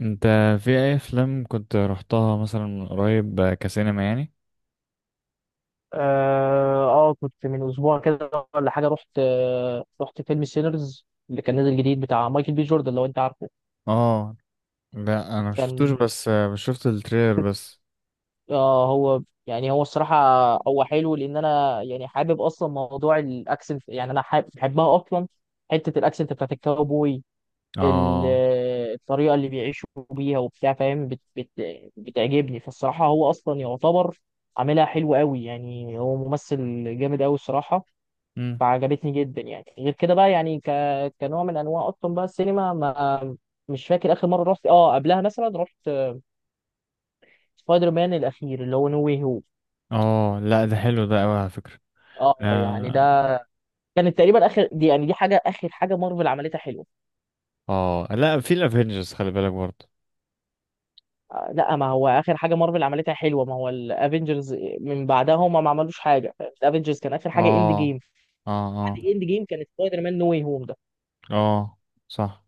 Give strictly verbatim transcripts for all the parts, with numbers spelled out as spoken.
انت في اي افلام كنت رحتها مثلا من قريب، آه، كسينما يعني؟ اه، آه، كنت من اسبوع كده ولا حاجه، رحت آه رحت فيلم سينرز اللي كان نازل جديد بتاع مايكل بي جوردن لو انت عارفه. اه، لا انا مشفتوش. كان بس آه، شفت التريلر بس. اه هو يعني، هو الصراحه هو حلو، لان انا يعني حابب اصلا موضوع الاكسنت، يعني انا حابب بحبها اصلا، حته الاكسنت بتاعت الكاوبوي، ال- اه. الطريقه اللي بيعيشوا بيها وبتاع فاهم، بت بت بتعجبني فالصراحه. هو اصلا يعتبر عاملها حلو قوي، يعني هو ممثل جامد قوي الصراحه، امم. فعجبتني جدا. يعني غير كده بقى يعني ك... كنوع من انواع اصلا بقى السينما، ما... مش فاكر اخر مره رحت اه قبلها مثلا. رحت سبايدر مان الاخير اللي هو نو واي هوم، اه، لا ده حلو، ده قوي على فكرة. اه يعني ده اه. كانت تقريبا اخر دي، يعني دي حاجه اخر حاجه مارفل عملتها حلوه. اه، لا، في الافينجرز خلي بالك برضه. آه، لا، ما هو اخر حاجه مارفل عملتها حلوه ما هو الافنجرز، من بعدها هم ما عملوش حاجه. الافنجرز كان اخر حاجه اند جيم، اه، اه، اه، بعد اند جيم كانت سبايدر مان نو واي هوم ده، اه، صح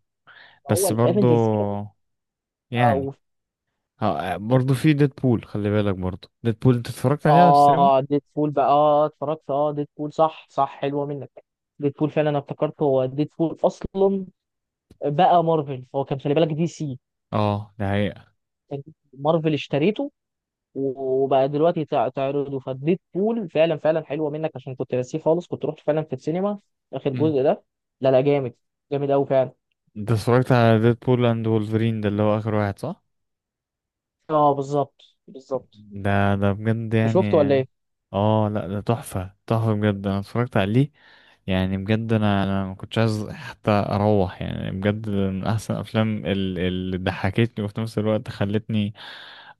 فهو بس برضه الافنجرز يعني. كده. آه، برضه في ديدبول، خلي بالك برضه، ديدبول انت اتفرجت عليها على السينما؟ اه، ديد بول بقى، اه اتفرجت، اه ديد بول، صح صح، حلوه منك. ديد بول فعلا، انا افتكرت هو ديد بول اصلا بقى مارفل، هو كان خلي بالك دي سي. اه، ده حقيقة. كان مارفل اشتريته، وبقى دلوقتي تع- تعرضه فديد بول. فعلا فعلا حلوه منك، عشان كنت ناسيه خالص كنت رحت فعلا في السينما اخر مم. جزء ده. لا لا، جامد جامد قوي فعلا. انت اتفرجت على ديدبول اند وولفرين ده اللي هو اخر واحد، صح؟ اه بالظبط بالظبط. ده ده بجد انت يعني. شفته ولا ايه؟ اه، لا ده تحفة تحفة بجد، انا اتفرجت عليه. يعني بجد انا انا ما كنتش عايز حتى اروح، يعني بجد من احسن افلام ال- اللي ضحكتني، وفي نفس الوقت خلتني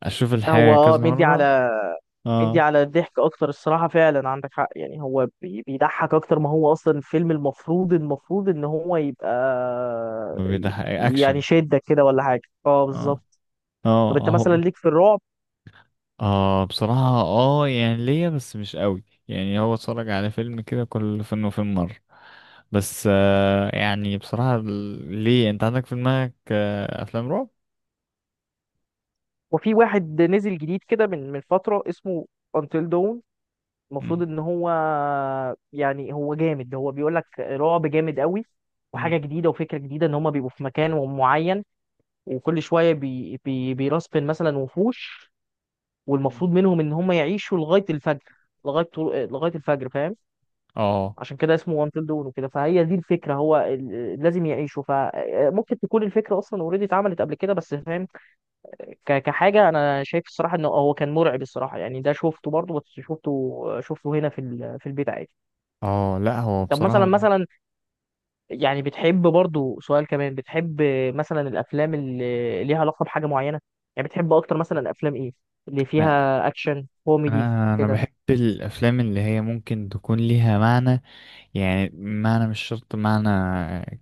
اشوف هو الحاجة اه كذا مدي على مرة. بيدي اه، على الضحك اكتر الصراحه، فعلا عندك حق. يعني هو بي- بيضحك اكتر ما هو اصلا الفيلم، المفروض المفروض ان هو يبقى ما بيضحك يعني اكشن. شدك كده ولا حاجه، اه اه، بالظبط. اه، طب انت اهو. مثلا، ليك في الرعب؟ اه، بصراحة اه يعني ليا بس مش قوي، يعني هو اتفرج على فيلم كده كل فين وفين مرة. بس آه، يعني بصراحة، ال- ليه، انت عندك في دماغك آه افلام رعب؟ وفي واحد نزل جديد كده من من فتره اسمه Until Dawn، المفروض مم. ان هو يعني هو جامد، هو بيقول لك رعب جامد قوي، مم. وحاجه جديده وفكره جديده. ان هما بيبقوا في مكان معين، وكل شويه بي بي بيرسبن مثلا وحوش، مم. والمفروض منهم ان هم يعيشوا لغايه الفجر، لغايه طلوع لغايه الفجر، فاهم. اه، عشان كده اسمه وانتل دون وكده، فهي دي الفكره، هو ال- لازم يعيشوا. فممكن تكون الفكره اصلا اوريدي اتعملت قبل كده بس، فاهم، ك- كحاجه. انا شايف الصراحه انه هو كان مرعب الصراحه، يعني ده شفته برضه، بس شفته شفته هنا في ال- في البيت عادي. اه، لا هو طب مثلا بصراحة. مثلا يعني بتحب برضه، سؤال كمان، بتحب مثلا الافلام اللي ليها علاقه بحاجه معينه، يعني بتحب اكتر مثلا افلام ايه؟ اللي انا فيها اكشن كوميدي انا أنا كده. بحب الافلام اللي هي ممكن تكون ليها معنى. يعني معنى، مش شرط معنى،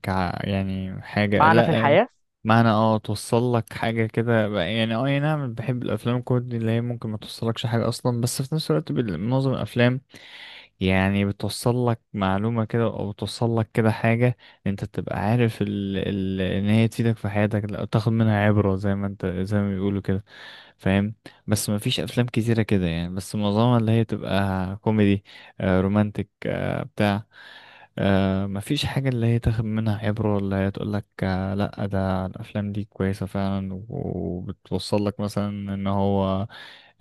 ك يعني حاجة، معنى في لا. الحياة. معنى اه، توصل لك حاجة كده بقى- يعني اه، أي نعم. بحب الافلام الكوميدي اللي هي ممكن ما توصلكش حاجة اصلا، بس في نفس الوقت بال- معظم الافلام، يعني بتوصل لك معلومة كده، او بتوصل لك كده حاجة. انت تبقى عارف ال... ال... ان هي تفيدك في حياتك، لا تاخد منها عبرة زي ما انت، زي ما بيقولوا كده. فاهم؟ بس ما فيش افلام كتيرة كده يعني، بس معظمها اللي هي تبقى كوميدي، آه، رومانتك آه، بتاع. آه، ما فيش حاجة اللي هي تاخد منها عبرة، ولا هي تقول لك آه، لا ده الافلام دي كويسة فعلا، وبتوصل لك مثلا ان هو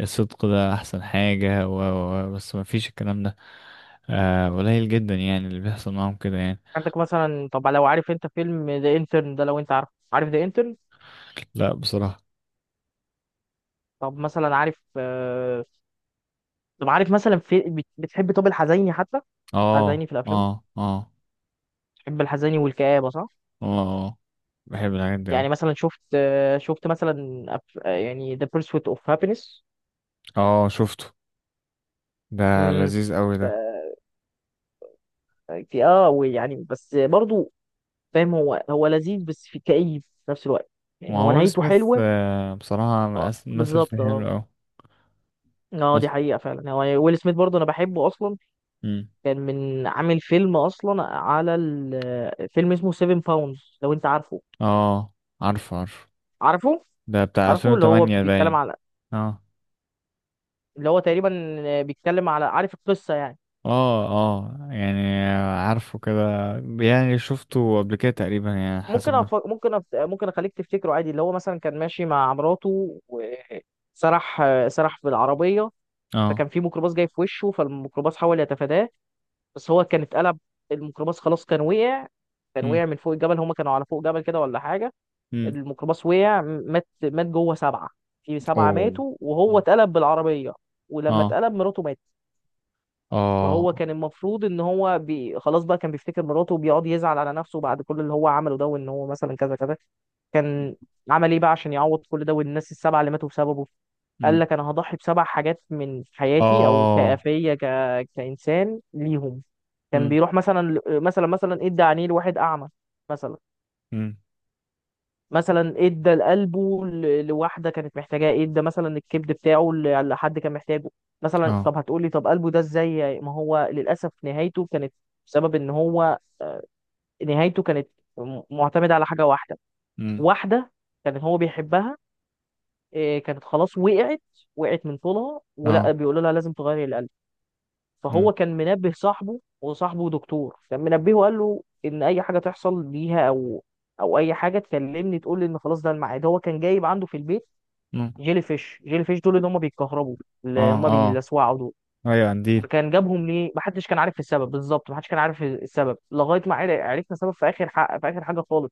الصدق ده احسن حاجة، و و- و- بس ما فيش الكلام ده. آه، قليل جدا يعني اللي بيحصل معاهم كده يعني. عندك مثلا، طب لو عارف انت فيلم ذا انترن ده، لو انت عارف، عارف ذا انترن؟ لا بصراحة. طب مثلا عارف آه، طب عارف مثلا في بت- بتحب طب الحزيني حتى، حزيني اه، في الافلام، اه، اه، بتحب الحزيني والكآبة، صح؟ اه، آه. بحب الحاجات دي اوي. يعني مثلا شفت، آه، شفت مثلا، أف- آه، يعني The Pursuit of Happiness. اه، شفته. ده امم، لذيذ اوي ده. في اه آه، ويعني بس برضو فاهم، هو هو لذيذ بس في كئيب في نفس الوقت، ما يعني هو هو ويل نهايته سميث، حلوه. آه، بصراحة آه، مقاس- مثل في بالظبط اه. حلو اوي. اه دي بس. حقيقه فعلا، يعني هو ويل سميث برضو انا بحبه اصلا، مم. كان من عامل فيلم اصلا على ال- فيلم اسمه سيفن باوندز، لو انت عارفه. اه، عارفه عارفه، عارفه ده بتاع عارفه، اللي هو ألفين وتمانية بيتكلم باين. على، اه، اللي هو تقريبا بيتكلم على، عارف القصة يعني؟ اه، اه، يعني عارفه كده. يعني شفته قبل كده تقريبا يعني، حسب ممكن ما. أف... ممكن أف... ممكن اخليك تفتكره عادي، اللي هو مثلا كان ماشي مع مراته وسرح، سرح بالعربية، اه. فكان في ميكروباص جاي في وشه، فالميكروباص حاول يتفاداه بس هو كان اتقلب. الميكروباص خلاص كان وقع، كان وقع من فوق الجبل، هما كانوا على فوق جبل كده ولا حاجة. امم. الميكروباص وقع، مات مات جوه سبعة، في سبعة اوه. ماتوا، وهو مم. اتقلب بالعربية. ولما اه. اتقلب، مراته ماتت. اه. فهو كان المفروض ان هو بي... خلاص بقى كان بيفتكر مراته، وبيقعد يزعل على نفسه بعد كل اللي هو عمله ده، وان هو مثلا كذا كذا. كان عمل ايه بقى عشان يعوض كل ده والناس السبعة اللي ماتوا بسببه؟ قال امم. لك انا هضحي بسبع حاجات من حياتي او اه. كافيه ك... كانسان ليهم. كان امم. بيروح مثلا، مثلا مثلا ادى عينيه لواحد اعمى، مثلا، امم. مثلا ادى لقلبه ل- لواحده كانت محتاجاه، ادى مثلا الكبد بتاعه ل- لحد كان محتاجه. مثلا اه. طب هتقولي طب قلبه ده ازاي؟ ما هو للاسف نهايته كانت بسبب ان هو، آه، نهايته كانت م- معتمده على حاجه واحده، امم. واحده كان هو بيحبها. إيه، كانت خلاص وقعت وقعت من طولها، ولا اه. بيقولوا لها لازم تغيري القلب. امم. فهو كان منبه صاحبه، وصاحبه دكتور، كان منبهه وقال له ان اي حاجه تحصل ليها، او او اي حاجه تكلمني تقول لي ان خلاص ده الميعاد. هو كان جايب عنده في البيت امم. جيلي فيش، جيلي فيش دول اللي هم بيتكهربوا، اه. اللي هم اه. بيلسوعوا دول. ايوه عندي. فكان جابهم ليه محدش كان عارف السبب بالظبط، محدش كان عارف السبب لغايه ما عر- عرفنا سبب في اخر حق، في اخر حاجه خالص.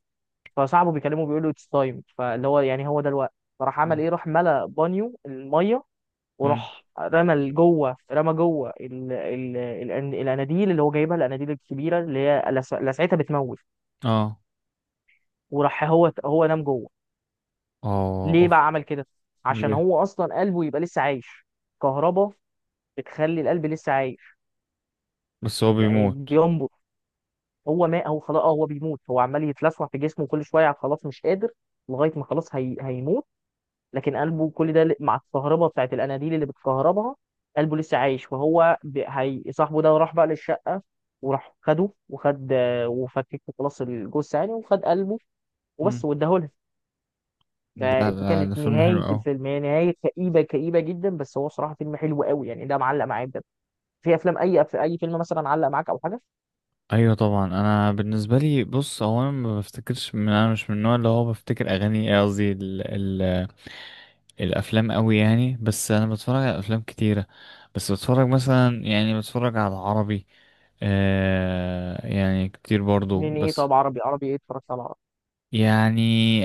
فصاحبه بيكلمه بيقول له اتس تايم، فاللي هو يعني هو ده الوقت. فراح عمل ايه؟ راح ملى بانيو الميه، امم. وراح رمى لجوه، رمى جوه ال... ال... ال... الاناديل اللي هو جايبها، الاناديل الكبيره اللي هي لس- لسعتها بتموت، اه، وراح هو هو نام جوه. اه، ليه اوف. بقى عمل كده؟ عشان ليه؟ هو اصلا قلبه يبقى لسه عايش. كهربا بتخلي القلب لسه عايش بس هو يعني بيموت؟ بينبض. هو ما هو خلاص آه، هو بيموت، هو عمال يتلسع في جسمه كل شويه، خلاص مش قادر لغايه ما خلاص هي... هيموت، لكن قلبه كل ده ل- مع الكهرباء بتاعت الاناديل اللي بتكهربها قلبه لسه عايش. فهو ب... هي... صاحبه ده راح بقى للشقه وراح خده، وخد وفكك خلاص الجثه يعني، وخد قلبه امم. وبس واداهولها. لا، فدي لا، ده كانت فيلم حلو نهايه قوي. الفيلم، هي نهايه كئيبه كئيبه جدا، بس هو صراحه فيلم حلو قوي يعني، ده معلق معايا بجد. في افلام، اي في اي فيلم مثلا علق معاك او حاجه؟ ايوه طبعا. انا بالنسبه لي، بص هو انا ما بفتكرش من، انا مش من النوع اللي هو بفتكر اغاني، إيه قصدي ال ال الافلام قوي يعني، بس انا بتفرج على افلام كتيره. بس بتفرج مثلا، يعني بتفرج على عربي آه، يعني كتير برضو من ايه؟ بس. طب عربي، عربي ايه اتفرجت على عربي؟ يعني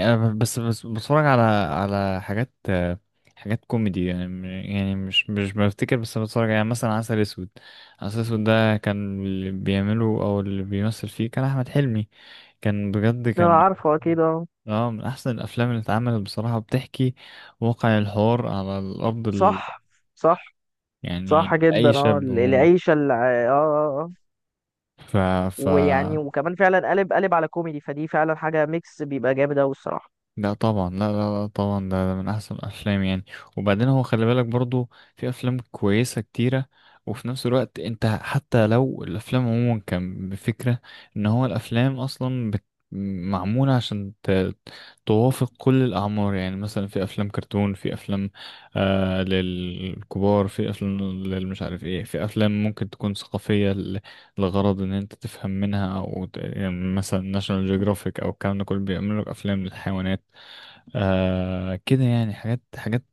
أنا ب- بس بس بتفرج على على حاجات آه، حاجات كوميدي يعني م- يعني مش مش بفتكر بس بتفرج، يعني مثلا عسل اسود. عسل اسود ده كان اللي بيعمله، او اللي بيمثل فيه، كان احمد حلمي. كان بجد، ده كان من- عارفه اكيد اه. اه، من احسن الافلام اللي اتعملت بصراحة، بتحكي واقع الحوار على الارض ال... صح صح. صح يعني جدا اي اه، شاب عموما. العيشه اللي اه، آه، آه. ف ف ويعني وكمان فعلا قلب قلب على كوميدي فدي، فعلا حاجة ميكس بيبقى جامد أوي الصراحة. لا طبعا، لا، لا، لا طبعا، ده, ده من احسن الافلام يعني. وبعدين هو خلي بالك برضو، في افلام كويسه كتيره. وفي نفس الوقت انت، حتى لو الافلام عموما، كان بفكره ان هو الافلام اصلا بت... معموله عشان ت... توافق كل الاعمار. يعني مثلا في افلام كرتون، في افلام آه للكبار، في افلام للمش عارف ايه، في افلام ممكن تكون ثقافيه ل... لغرض ان انت تفهم منها، او ت- يعني مثلا ناشونال جيوغرافيك او الكلام ده كله بيعملوا لك افلام للحيوانات. آه، كده يعني حاجات حاجات،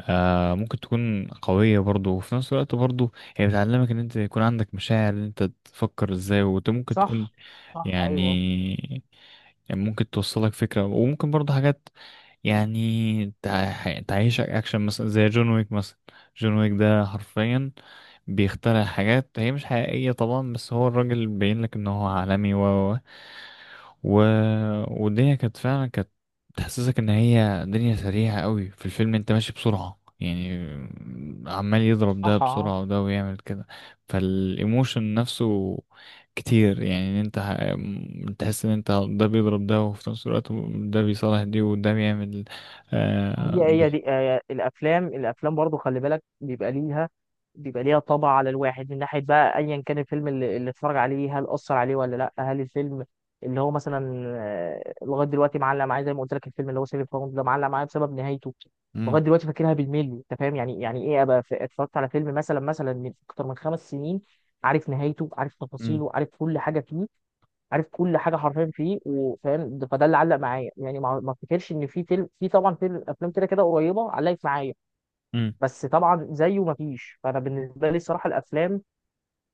آه ممكن تكون قوية برضو، وفي نفس الوقت برضو هي بتعلمك ان انت يكون عندك مشاعر، ان انت تفكر ازاي، وممكن تكون صح صح يعني، ايوه. يعني ممكن توصلك فكرة، وممكن برضه حاجات يعني تع- تعيشك أكشن مثلا، زي جون ويك مثلا. جون ويك ده حرفيا بيخترع حاجات هي مش حقيقية طبعا، بس هو الراجل بيبين لك إن هو عالمي، و و و والدنيا كانت فعلا، كانت تحسسك إن هي دنيا سريعة قوي. في الفيلم أنت ماشي بسرعة يعني، عمال يضرب ده صح اه. بسرعة، وده ويعمل كده. فالإيموشن نفسه كتير، يعني انت ه- م- تحس ان انت ده بيضرب ده، وفي نفس الوقت ده بيصالح دي، وده بيعمل آه هي بي. هي دي آه، الافلام الافلام برضو خلي بالك بيبقى ليها بيبقى ليها طبع على الواحد. من ناحيه بقى، ايا كان الفيلم اللي, اللي اتفرج عليه، هل اثر عليه ولا لا؟ هل الفيلم اللي هو مثلا، آه، لغايه دلوقتي معلق معايا زي ما قلت لك، الفيلم اللي هو سيفن فاوند ده، معلق معايا بسبب نهايته، مم. لغايه دلوقتي فاكرها بالملي. انت فاهم يعني، يعني ايه ابقى ف- اتفرجت على فيلم مثلا، مثلا من اكتر من خمس سنين، عارف نهايته، عارف مم. تفاصيله، عارف كل حاجه فيه، عارف كل حاجه حرفيا فيه، وفاهم، ده- فده اللي علق معايا يعني. ما ما افتكرش ان في فيلم، في طبعا فيلم، افلام كده كده قريبه علقت معايا، مم. بس طبعا زيه ما فيش. فانا بالنسبه لي الصراحه، الافلام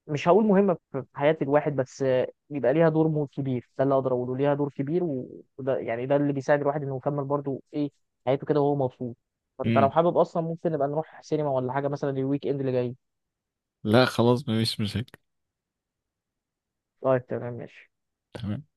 مش هقول مهمه في في حياه الواحد، بس آه، بيبقى ليها دور مو- كبير، ده اللي اقدر اقوله، ليها دور كبير، و- وده يعني ده اللي بيساعد الواحد انه يكمل برضه ايه حياته كده وهو مبسوط. فانت لو مم. حابب اصلا ممكن نبقى نروح سينما ولا حاجه مثلا الويك اند اللي جاي. لا خلاص، مفيش مشاكل. طيب تمام ماشي. تمام.